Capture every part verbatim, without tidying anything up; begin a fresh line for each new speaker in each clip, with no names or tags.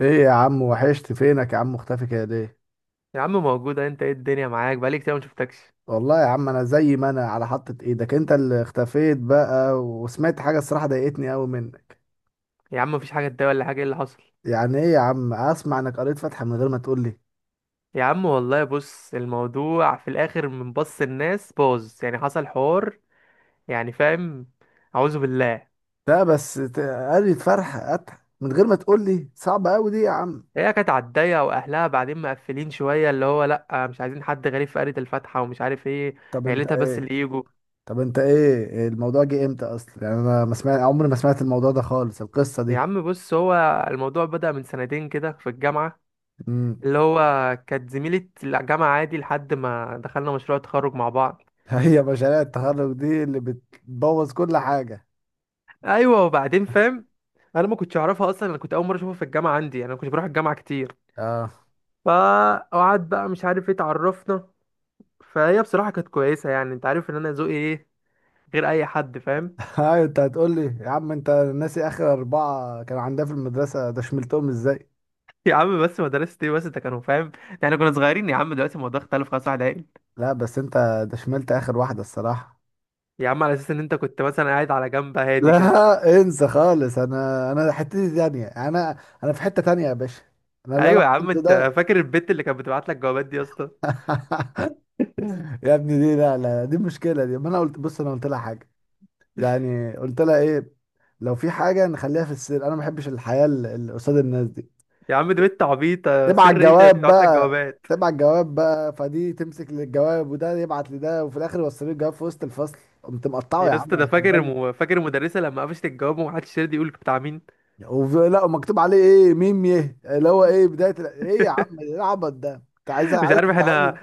ايه يا عم؟ وحشت فينك يا عم، مختفي كده ليه؟
يا عم موجودة، انت ايه الدنيا؟ معاك بقالي كتير ما شفتكش.
والله يا عم، انا زي ما انا على حطة ايدك، انت اللي اختفيت بقى. وسمعت حاجة الصراحة ضايقتني قوي منك.
يا عم مفيش حاجة تضايق ولا حاجة، ايه اللي حصل؟
يعني ايه يا عم؟ اسمع انك قريت فتحة من غير ما تقول لي.
يا عم والله بص الموضوع في الاخر من بص الناس باظ، يعني حصل حوار. يعني فاهم. اعوذ بالله.
لا بس ت- قريت فرحة فتحة من غير ما تقول لي، صعب قوي دي يا عم.
هي كانت على الضيقة، واهلها بعدين مقفلين شوية، اللي هو لا مش عايزين حد غريب في قرية الفاتحة ومش عارف ايه.
طب انت
عيلتها بس
ايه؟
اللي يجوا.
طب انت ايه الموضوع؟ جه امتى اصلا؟ يعني انا ما سمعت، عمري ما سمعت الموضوع ده خالص، القصة
يا
دي.
عم بص هو الموضوع بدأ من سنتين كده في الجامعة.
امم.
اللي هو كانت زميلة الجامعة عادي لحد ما دخلنا مشروع تخرج مع بعض.
هي مشاريع التخرج دي اللي بتبوظ كل حاجة.
ايوه، وبعدين فاهم، انا ما كنتش اعرفها اصلا، انا كنت اول مره اشوفها في الجامعه عندي، يعني انا ما كنتش بروح الجامعه كتير.
اه.
فقعد بقى مش عارف ايه، اتعرفنا. فهي بصراحه كانت كويسه، يعني انت عارف ان انا ذوقي ايه، غير اي حد فاهم.
ايوه، انت هتقول لي يا عم انت ناسي اخر اربعه كان عندها في المدرسه ده، شملتهم ازاي؟
يا عم بس مدرسة ايه بس انت، كانوا فاهم، يعني كنا صغيرين يا عم، دلوقتي الموضوع اختلف خلاص، واحد عاقل.
لا بس انت، ده شملت اخر واحده الصراحه.
يا عم على اساس ان انت كنت مثلا قاعد على جنب هادي كده.
لا انسى خالص، انا انا حتتي تانية انا. انا في حته تانية يا باشا. انا اللي انا
ايوه يا عم،
عملته
انت
ده.
فاكر البت اللي كانت بتبعت لك جوابات دي يا اسطى؟
يا ابني دي، لا لا دي مشكله. دي ما انا قلت، بص انا قلت لها حاجه. يعني قلت لها ايه؟ لو في حاجه نخليها في السر، انا ما بحبش الحياه ال- ال- قصاد الناس دي.
يا عم دي بنت عبيطه،
تبعت
سر ايه اللي
جواب
بتبعت لك
بقى.
جوابات؟
تبعت جواب بقى، فدي تمسك للجواب وده يبعت لده، وفي الاخر يوصلوا لي الجواب في وسط الفصل. قمت مقطعه
يا
يا
اسطى
عم،
ده فاكر
هتتجنن.
الم... فاكر المدرسه لما قفشت الجواب ومحدش راضي يقول بتاع مين؟
وف- لا، ومكتوب عليه ايه؟ ميم يه اللي هو ايه بدايه ال- ايه؟ يا عم ايه العبط ده؟ انت عايز
مش
عايز
عارف احنا.
تمتحني؟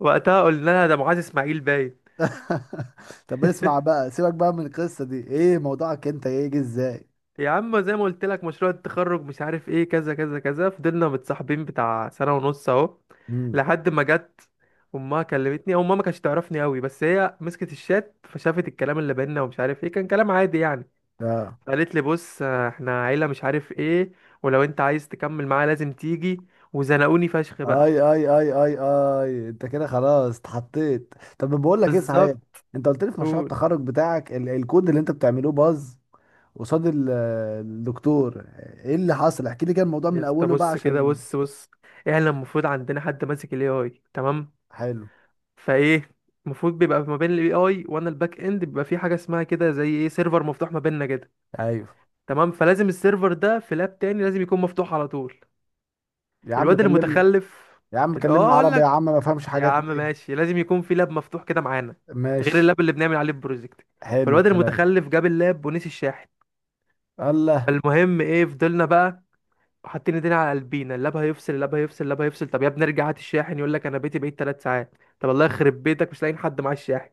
وقتها قلنا لها ده معاذ اسماعيل باين.
طب اسمع بقى، سيبك بقى من القصه دي، ايه موضوعك انت؟ ايه؟ جه ازاي؟
يا عم زي ما قلت لك، مشروع التخرج مش عارف ايه، كذا كذا كذا، فضلنا متصاحبين بتاع سنه ونص اهو.
امم.
لحد ما جت امها كلمتني، او امها ما كانتش تعرفني قوي، بس هي مسكت الشات فشافت الكلام اللي بينا ومش عارف ايه، كان كلام عادي يعني.
اه.
قالت لي بص، آه، احنا عيله مش عارف ايه، ولو انت عايز تكمل معايا لازم تيجي. وزنقوني فشخ بقى.
اي اي اي اي اي، انت كده خلاص، اتحطيت. طب بقول لك ايه، صحيح.
بالظبط.
انت قلت لي في مشروع
قول.
التخرج بتاعك ال- الكود اللي انت بتعملوه باظ. قصاد ال- الدكتور. ايه اللي حصل؟ احكي لي كده الموضوع
يا
من
اسطى
اوله بقى،
بص كده،
عشان.
بص بص احنا المفروض عندنا حد ماسك الاي اي، تمام؟
حلو.
فايه، المفروض بيبقى ما بين الاي اي وانا الباك اند بيبقى في حاجه اسمها كده زي ايه، سيرفر مفتوح ما بيننا كده.
ايوه
تمام، فلازم السيرفر ده في لاب تاني، لازم يكون مفتوح على طول.
يا عم،
الواد اللي
كلمني.
متخلف
يا عم
ال-
كلمني
اه اقول
عربي، يا
لك،
عم ما فهمش
يا
حاجات،
عم
ليه؟
ماشي، لازم يكون في لاب مفتوح كده معانا، غير
ماشي.
اللاب اللي بنعمل عليه البروجكت.
حلو
فالواد
الكلام.
المتخلف جاب اللاب ونسي الشاحن.
الله.
فالمهم ايه، فضلنا بقى حاطين ايدينا على قلبينا، اللاب هيفصل، اللاب هيفصل، اللاب هيفصل. طب يا ابني ارجع هات الشاحن، يقول لك انا بيتي بعيد ثلاث ساعات. طب الله يخرب بيتك، مش لاقيين حد معاه الشاحن.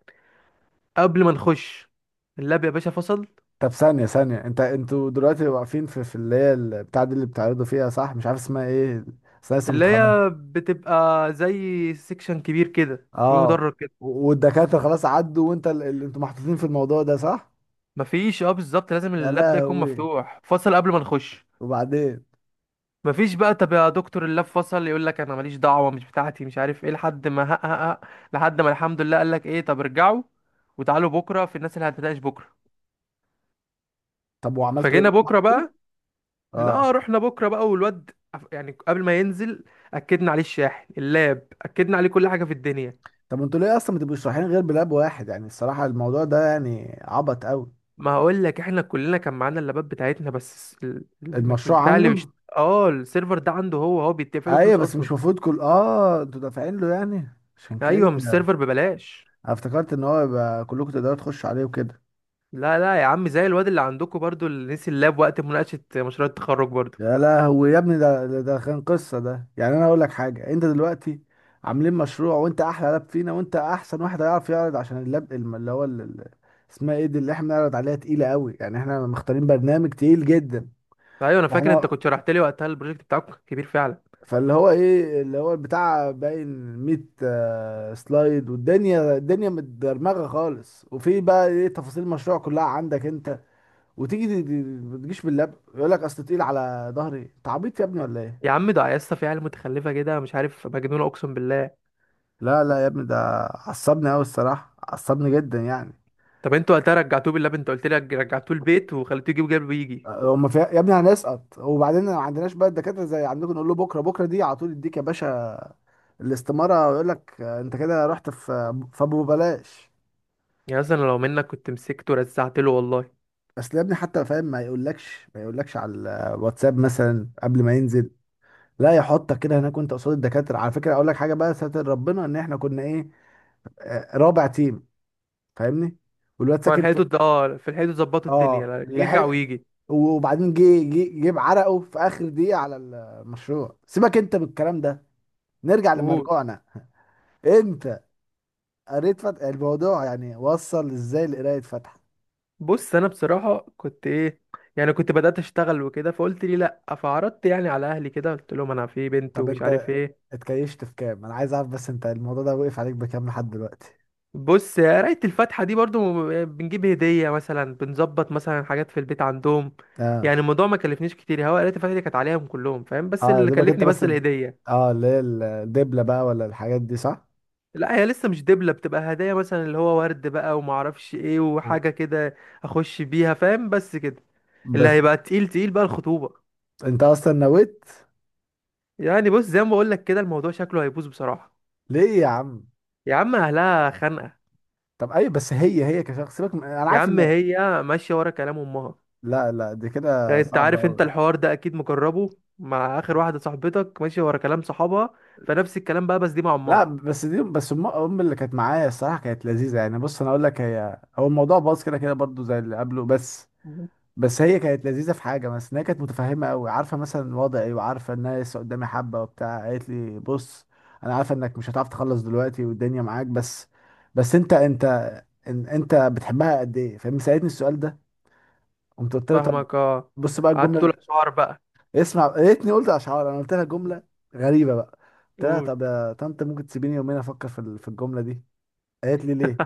قبل ما نخش اللاب يا باشا فصل.
طب ثانية ثانية، انت انتوا دلوقتي واقفين في في اللي هي البتاع دي اللي بتعرضوا فيها، صح؟ مش عارف اسمها ايه. بس أنا لسه
اللي
متخرج.
هي بتبقى زي سيكشن كبير كده في
اه.
مدرج كده.
و- والدكاترة خلاص عدوا، وانت ال- اللي انتوا محطوطين في الموضوع ده، صح؟
مفيش، اه بالظبط، لازم
يا
اللاب ده يكون
لهوي.
مفتوح. فصل قبل ما نخش.
وبعدين؟
مفيش بقى. طب يا دكتور اللاب فصل، يقول لك انا ماليش دعوه، مش بتاعتي، مش عارف ايه، لحد ما هق هق هق، لحد ما الحمد لله قال لك ايه، طب ارجعوا وتعالوا بكره في الناس اللي هتناقش بكره.
طب وعملتوا ايه؟
فجينا بكره
محطوا.
بقى.
اه.
لا رحنا بكره بقى، والواد عف- يعني قبل ما ينزل اكدنا عليه الشاحن، اللاب، اكدنا عليه كل حاجه في الدنيا.
طب انتوا ليه اصلا ما تبقوش رايحين غير بلاب واحد؟ يعني الصراحه الموضوع ده يعني عبط قوي.
ما هقول لك، احنا كلنا كان معانا اللابات بتاعتنا، بس ال- الم-
المشروع
البتاع اللي
عنده.
بيشت... اه السيرفر ده عنده، هو هو بيدفع له
ايوه،
فلوس
بس مش
اصلا.
المفروض كل اه انتوا دافعين له؟ يعني عشان كده
ايوه، مش
انا
السيرفر ببلاش.
افتكرت ان هو يبقى كلكم تقدروا تخشوا عليه وكده.
لا لا يا عم، زي الواد اللي عندكم برضو اللي نسي اللاب وقت مناقشه مشروع التخرج برضو.
يا لهوي يا ابني، ده ده ده كان قصه. ده يعني انا اقول لك حاجه، انت دلوقتي عاملين مشروع، وانت احلى لاب فينا، وانت احسن واحد هيعرف يعرض، عشان اللاب الم- اللي هو ال- ال- اسمها ايه دي اللي احنا بنعرض عليها، تقيله قوي. يعني احنا مختارين برنامج تقيل جدا.
ايوه انا فاكر انت
احنا،
كنت شرحت لي وقتها، البروجكت بتاعك كبير فعلا.
فاللي هو ايه، اللي هو بتاع باين، مية آه، سلايد، والدنيا الدنيا متدرمغه خالص، وفي بقى ايه؟ تفاصيل المشروع كلها عندك انت، وتيجي دي- دي- ما تجيش باللاب؟ يقول لك اصل تقيل على ظهري. انت عبيط يا ابني ولا ايه؟
يا عم ده يا اسطى في عيال متخلفه كده، مش عارف، مجنونه اقسم بالله.
لا لا يا ابني، ده. عصبني قوي الصراحه، عصبني جدا يعني.
طب انتوا وقتها رجعتوه باللاب، انت قلت لي رجعتوه البيت وخليتوه يجيب جنبه يجي.
هما في يا ابني هنسقط، وبعدين ما عندناش بقى الدكاتره زي عندكم نقول له بكره، بكره دي على طول يديك يا باشا الاستماره، ويقول لك آه، انت كده رحت في فابو بلاش.
يعني مثلا لو منك كنت مسكته ورزعت له، والله.
اصل يا ابني حتى فاهم ما يقولكش ما يقولكش على الواتساب مثلا قبل ما ينزل. لا، يحطك كده هناك وانت قصاد الدكاتره. على فكره اقول لك حاجه بقى، ساتر ربنا ان احنا كنا ايه، آه، رابع تيم. فاهمني. والواد ساكن في.
فلحقته د- اه في الحيطه ظبطوا الدنيا،
اه
لا، يرجع
لحق.
ويجي.
وبعدين جه جه جه بعرقه في اخر دقيقه على المشروع. سيبك انت من الكلام ده، نرجع
قول.
لمرجوعنا. انت قريت فتح؟ الموضوع يعني وصل ازاي لقرايه فتح؟
بص انا بصراحه كنت ايه، يعني كنت بدات اشتغل وكده، فقلت لي لا، فعرضت يعني على اهلي كده، قلت لهم انا في بنت
طب
ومش عارف
انت
ايه.
اتكيشت في كام؟ انا عايز اعرف بس، انت الموضوع ده وقف عليك بكام لحد دلوقتي؟
بص قرايه الفاتحه دي برضو، آه، بنجيب هديه مثلا، بنظبط مثلا حاجات في البيت عندهم.
اه.
يعني الموضوع ما كلفنيش كتير، هو قرايه الفاتحه دي كانت عليهم كلهم فاهم، بس
اه يا
اللي
دوبك حاجات، انت
كلفني
بس
بس
الد-
الهديه.
اه اللي هي ال- الدبلة بقى، ولا الحاجات دي، صح؟
لا هي لسه مش دبلة، بتبقى هدايا مثلا، اللي هو ورد بقى وما اعرفش ايه
أوه.
وحاجة كده. اخش بيها فاهم، بس كده. اللي
بس.
هيبقى تقيل تقيل بقى الخطوبة.
انت اصلا نويت.
يعني بص زي ما بقول لك كده، الموضوع شكله هيبوظ بصراحة.
ليه يا عم؟
يا عم اهلها خانقة.
طب ايوه، بس هي هي كشخص سيبك من... انا
يا
عارف
عم
ان.
هي ماشية ورا كلام امها.
لا لا، دي كده
يعني انت
صعبة
عارف، انت
قوي.
الحوار ده اكيد مجربه مع اخر واحدة، صاحبتك ماشية ورا كلام صحابها، فنفس الكلام بقى، بس دي مع
لا
امها.
بس دي، بس ام أم اللي كانت معايا الصراحة كانت لذيذة. يعني بص انا اقول لك، هي هو الموضوع باظ كده كده برضو زي اللي قبله، بس
مم.
بس هي كانت لذيذه في حاجه، بس ان هي كانت متفهمه قوي، عارفه مثلا وضعي وعارفه ان انا لسه قدامي حبه وبتاع. قالت لي بص، انا عارفه انك مش هتعرف تخلص دلوقتي والدنيا معاك، بس بس انت انت، ان- انت بتحبها قد ايه، فاهم؟ سالتني السؤال ده. قمت قلت لها طب،
فاهمك اه.
بص بقى
قعدت تقول
الجمله.
اشعار بقى.
اسمع، يا ريتني قلت اشعار. انا قلت لها جمله غريبه بقى. قلت لها
قول.
طب يا طنط، ممكن تسيبيني يومين افكر في ال- في الجمله دي؟ قالت لي ليه؟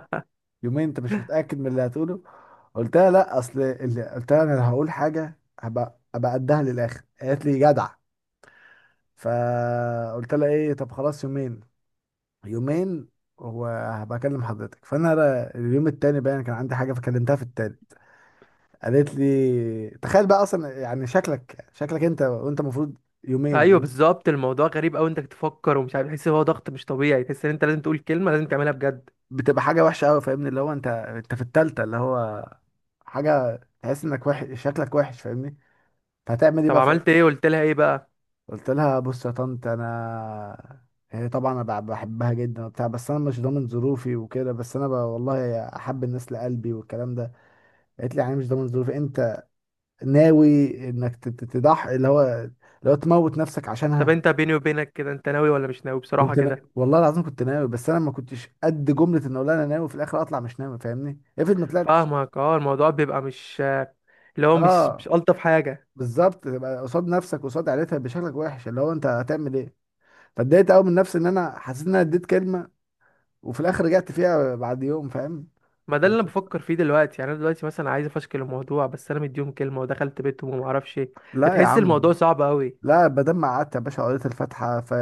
يومين؟ انت مش متاكد من اللي هتقوله؟ قلت لها لا، اصل اللي قلت لها انا، لو هقول حاجه هبقى ابقى قدها للاخر. قالت لي جدع. فقلت لها ايه، طب خلاص يومين. يومين، وهبقى اكلم حضرتك. فانا را- اليوم التاني باين كان عندي حاجه، فكلمتها في التالت. قالت لي تخيل بقى اصلا، يعني شكلك شكلك انت، وانت المفروض
ايوه
يومين.
بالظبط، الموضوع غريب قوي، انك تفكر ومش عارف، تحس ان هو ضغط مش طبيعي، تحس ان انت لازم تقول كلمه، لازم تعملها بجد.
بتبقى حاجه وحشه قوي، فاهمني؟ اللي هو انت انت في التالتة، اللي هو حاجه تحس انك وحش، شكلك وحش، فاهمني. فهتعمل ايه
طب
بقى؟
عملت ايه، قلت لها ايه بقى؟
قلت لها بص يا طنط انا، هي طبعا انا بع- بحبها جدا وبتاع، بس انا مش ضامن ظروفي وكده، بس انا ب... والله احب الناس لقلبي والكلام ده. قالت لي يعني مش ضامن ظروفي، انت ناوي انك ت- ت- تضحي اللي هو لو تموت نفسك
طب
عشانها؟
انت بيني وبينك كده، انت ناوي ولا مش ناوي بصراحه
كنت نا...
كده؟
والله العظيم كنت ناوي، بس انا ما كنتش قد جمله ان اقول انا ناوي، في الاخر اطلع مش ناوي فاهمني؟ افرض ما طلعتش.
فاهمك اه، الموضوع بيبقى مش، اللي هو مش مش
اه
الطف حاجه.
بالظبط، تبقى قصاد نفسك قصاد عيلتها بشكلك وحش، اللي هو انت هتعمل ايه؟ فاتضايقت قوي من نفسي، ان انا حسيت ان انا اديت كلمه وفي الاخر رجعت فيها بعد يوم، فاهم.
ما ده اللي انا
قلت
بفكر فيه دلوقتي، يعني انا دلوقتي مثلا عايز افشكل الموضوع، بس انا مديهم كلمه ودخلت بيتهم وما اعرفش ايه.
لا يا
فتحس
عم.
الموضوع صعب قوي.
لا، بدل ما قعدت يا باشا قريت الفاتحه، ف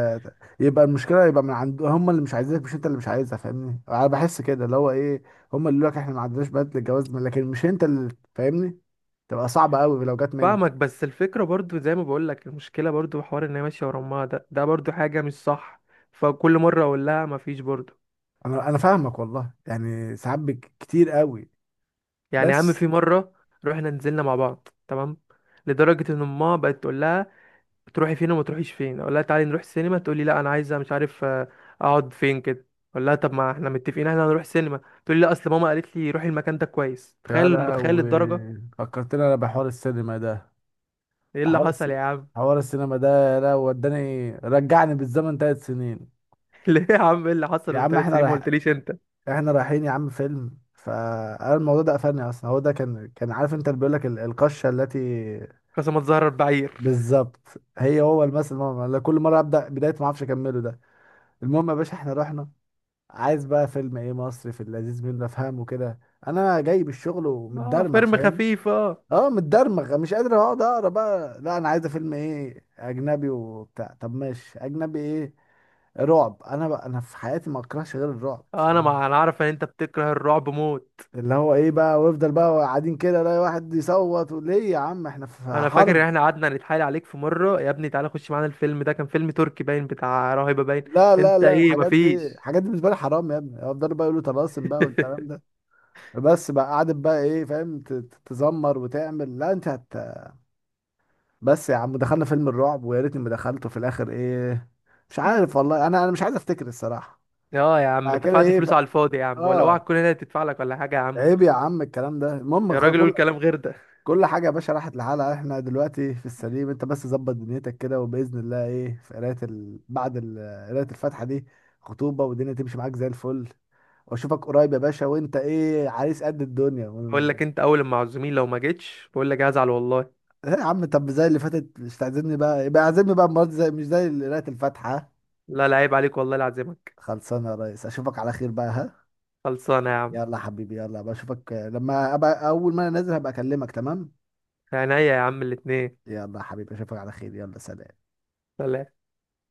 يبقى المشكله يبقى من عند هم، اللي مش عايزينك، مش انت اللي مش عايزها، فاهمني؟ انا بحس كده اللي هو ايه، هم اللي يقول لك احنا ما عندناش بنات للجواز من- لكن مش انت اللي، فاهمني؟ تبقى صعبه قوي لو جت منك.
فاهمك، بس الفكره برضو زي ما بقول لك، المشكله برضو حوار ان هي ماشيه ورا امها، ده ده برضو حاجه مش صح. فكل مره اقول لها مفيش برضو.
انا انا فاهمك والله، يعني ساعات بك- كتير قوي.
يعني يا عم
بس.
في مرة رحنا نزلنا مع بعض تمام، لدرجة ان ماما بقت تقول لها تروحي فين وما تروحيش فين. اقول لها تعالي نروح سينما، تقول لي لا انا عايزة مش عارف آه، اقعد فين كده. اقول لها طب ما احنا متفقين احنا هنروح سينما، تقول لي لا اصل ماما قالت لي روحي المكان ده كويس.
يا
تخيل، متخيل
لهوي،
الدرجة؟
فكرتني انا بحوار السينما ده.
ايه اللي
حوار الس...
حصل يا عم؟
حوار السينما ده، لا وداني رجعني بالزمن ثلاث سنين.
ليه يا عم، ايه اللي حصل
يا
من
عم
ثلاث
احنا
سنين ما
رايح،
قلتليش انت؟
احنا رايحين يا عم فيلم، فانا الموضوع ده قفلني اصلا. هو ده كان كان عارف انت اللي بيقول لك ال- القشه التي.
قسما تزهر بعير.
بالظبط. هي هو المثل، ماما لا كل مره ابدا بدايه ما اعرفش اكمله ده. المهم يا باشا احنا رحنا. عايز بقى فيلم ايه؟ مصري في اللذيذ منه افهمه كده. انا جاي بالشغل
اه
ومتدرمغ،
فيلم
فاهم.
خفيف اه.
اه متدرمغ مش قادر اقعد اقرا بقى، لا انا عايز فيلم ايه؟ اجنبي وبتاع. طب ماشي اجنبي ايه؟ رعب؟ انا بقى انا في حياتي ما اكرهش غير الرعب،
آه، انا
فاهم.
ما انا عارف ان انت بتكره الرعب موت.
اللي هو ايه بقى، ويفضل بقى قاعدين كده، لا واحد يصوت، ليه يا عم احنا في
انا فاكر ان
حرب.
احنا قعدنا نتحايل عليك في مره، يا ابني تعالى خش معانا الفيلم ده، كان فيلم تركي باين بتاع راهبه باين.
لا لا
انت
لا،
ايه
الحاجات دي
مفيش.
الحاجات دي بالنسبه لي حرام يا ابني. افضلوا بقى يقولوا طلاسم بقى والكلام ده. بس بقى قعدت بقى ايه فاهم، ت- ت- تزمر وتعمل لا انت هت. بس يا عم دخلنا فيلم الرعب، ويا ريتني ما دخلته، في الاخر ايه، مش عارف والله، انا انا مش عايز افتكر الصراحه.
اه يا عم،
بعد
انت
كده
دفعت
ايه ف...
فلوس على الفاضي يا عم، ولا اوعى
اه.
تكون هنا تدفع لك ولا حاجه يا عم.
عيب يا عم الكلام ده. المهم
يا
خ-
راجل قول
كل
كلام غير ده.
كل حاجة يا باشا راحت لحالها. احنا دلوقتي في السليم، انت بس ظبط دنيتك كده، وبإذن الله ايه في قراية ال... بعد ال- قراية الفاتحة دي خطوبة، والدنيا تمشي معاك زي الفل، واشوفك قريب يا باشا، وانت ايه عريس قد الدنيا
بقول
ون...
لك انت، اول ما عزومين لو ما جيتش بقول لك هزعل والله.
ايه يا عم؟ طب زي اللي فاتت مش تعزمني بقى، يبقى اعزمني بقى المرة دي، زي مش زي اللي قراية الفاتحة.
لا لا عيب عليك والله العزمك.
خلصانة يا ريس، اشوفك على خير بقى، ها.
خلصانه يا عم.
يلا يا حبيبي، يلا بشوفك لما ابقى، اول ما انا نازل هبقى اكلمك، تمام.
عينيا يا عم الاتنين.
يلا يا حبيبي، اشوفك على خير، يلا سلام.
سلام.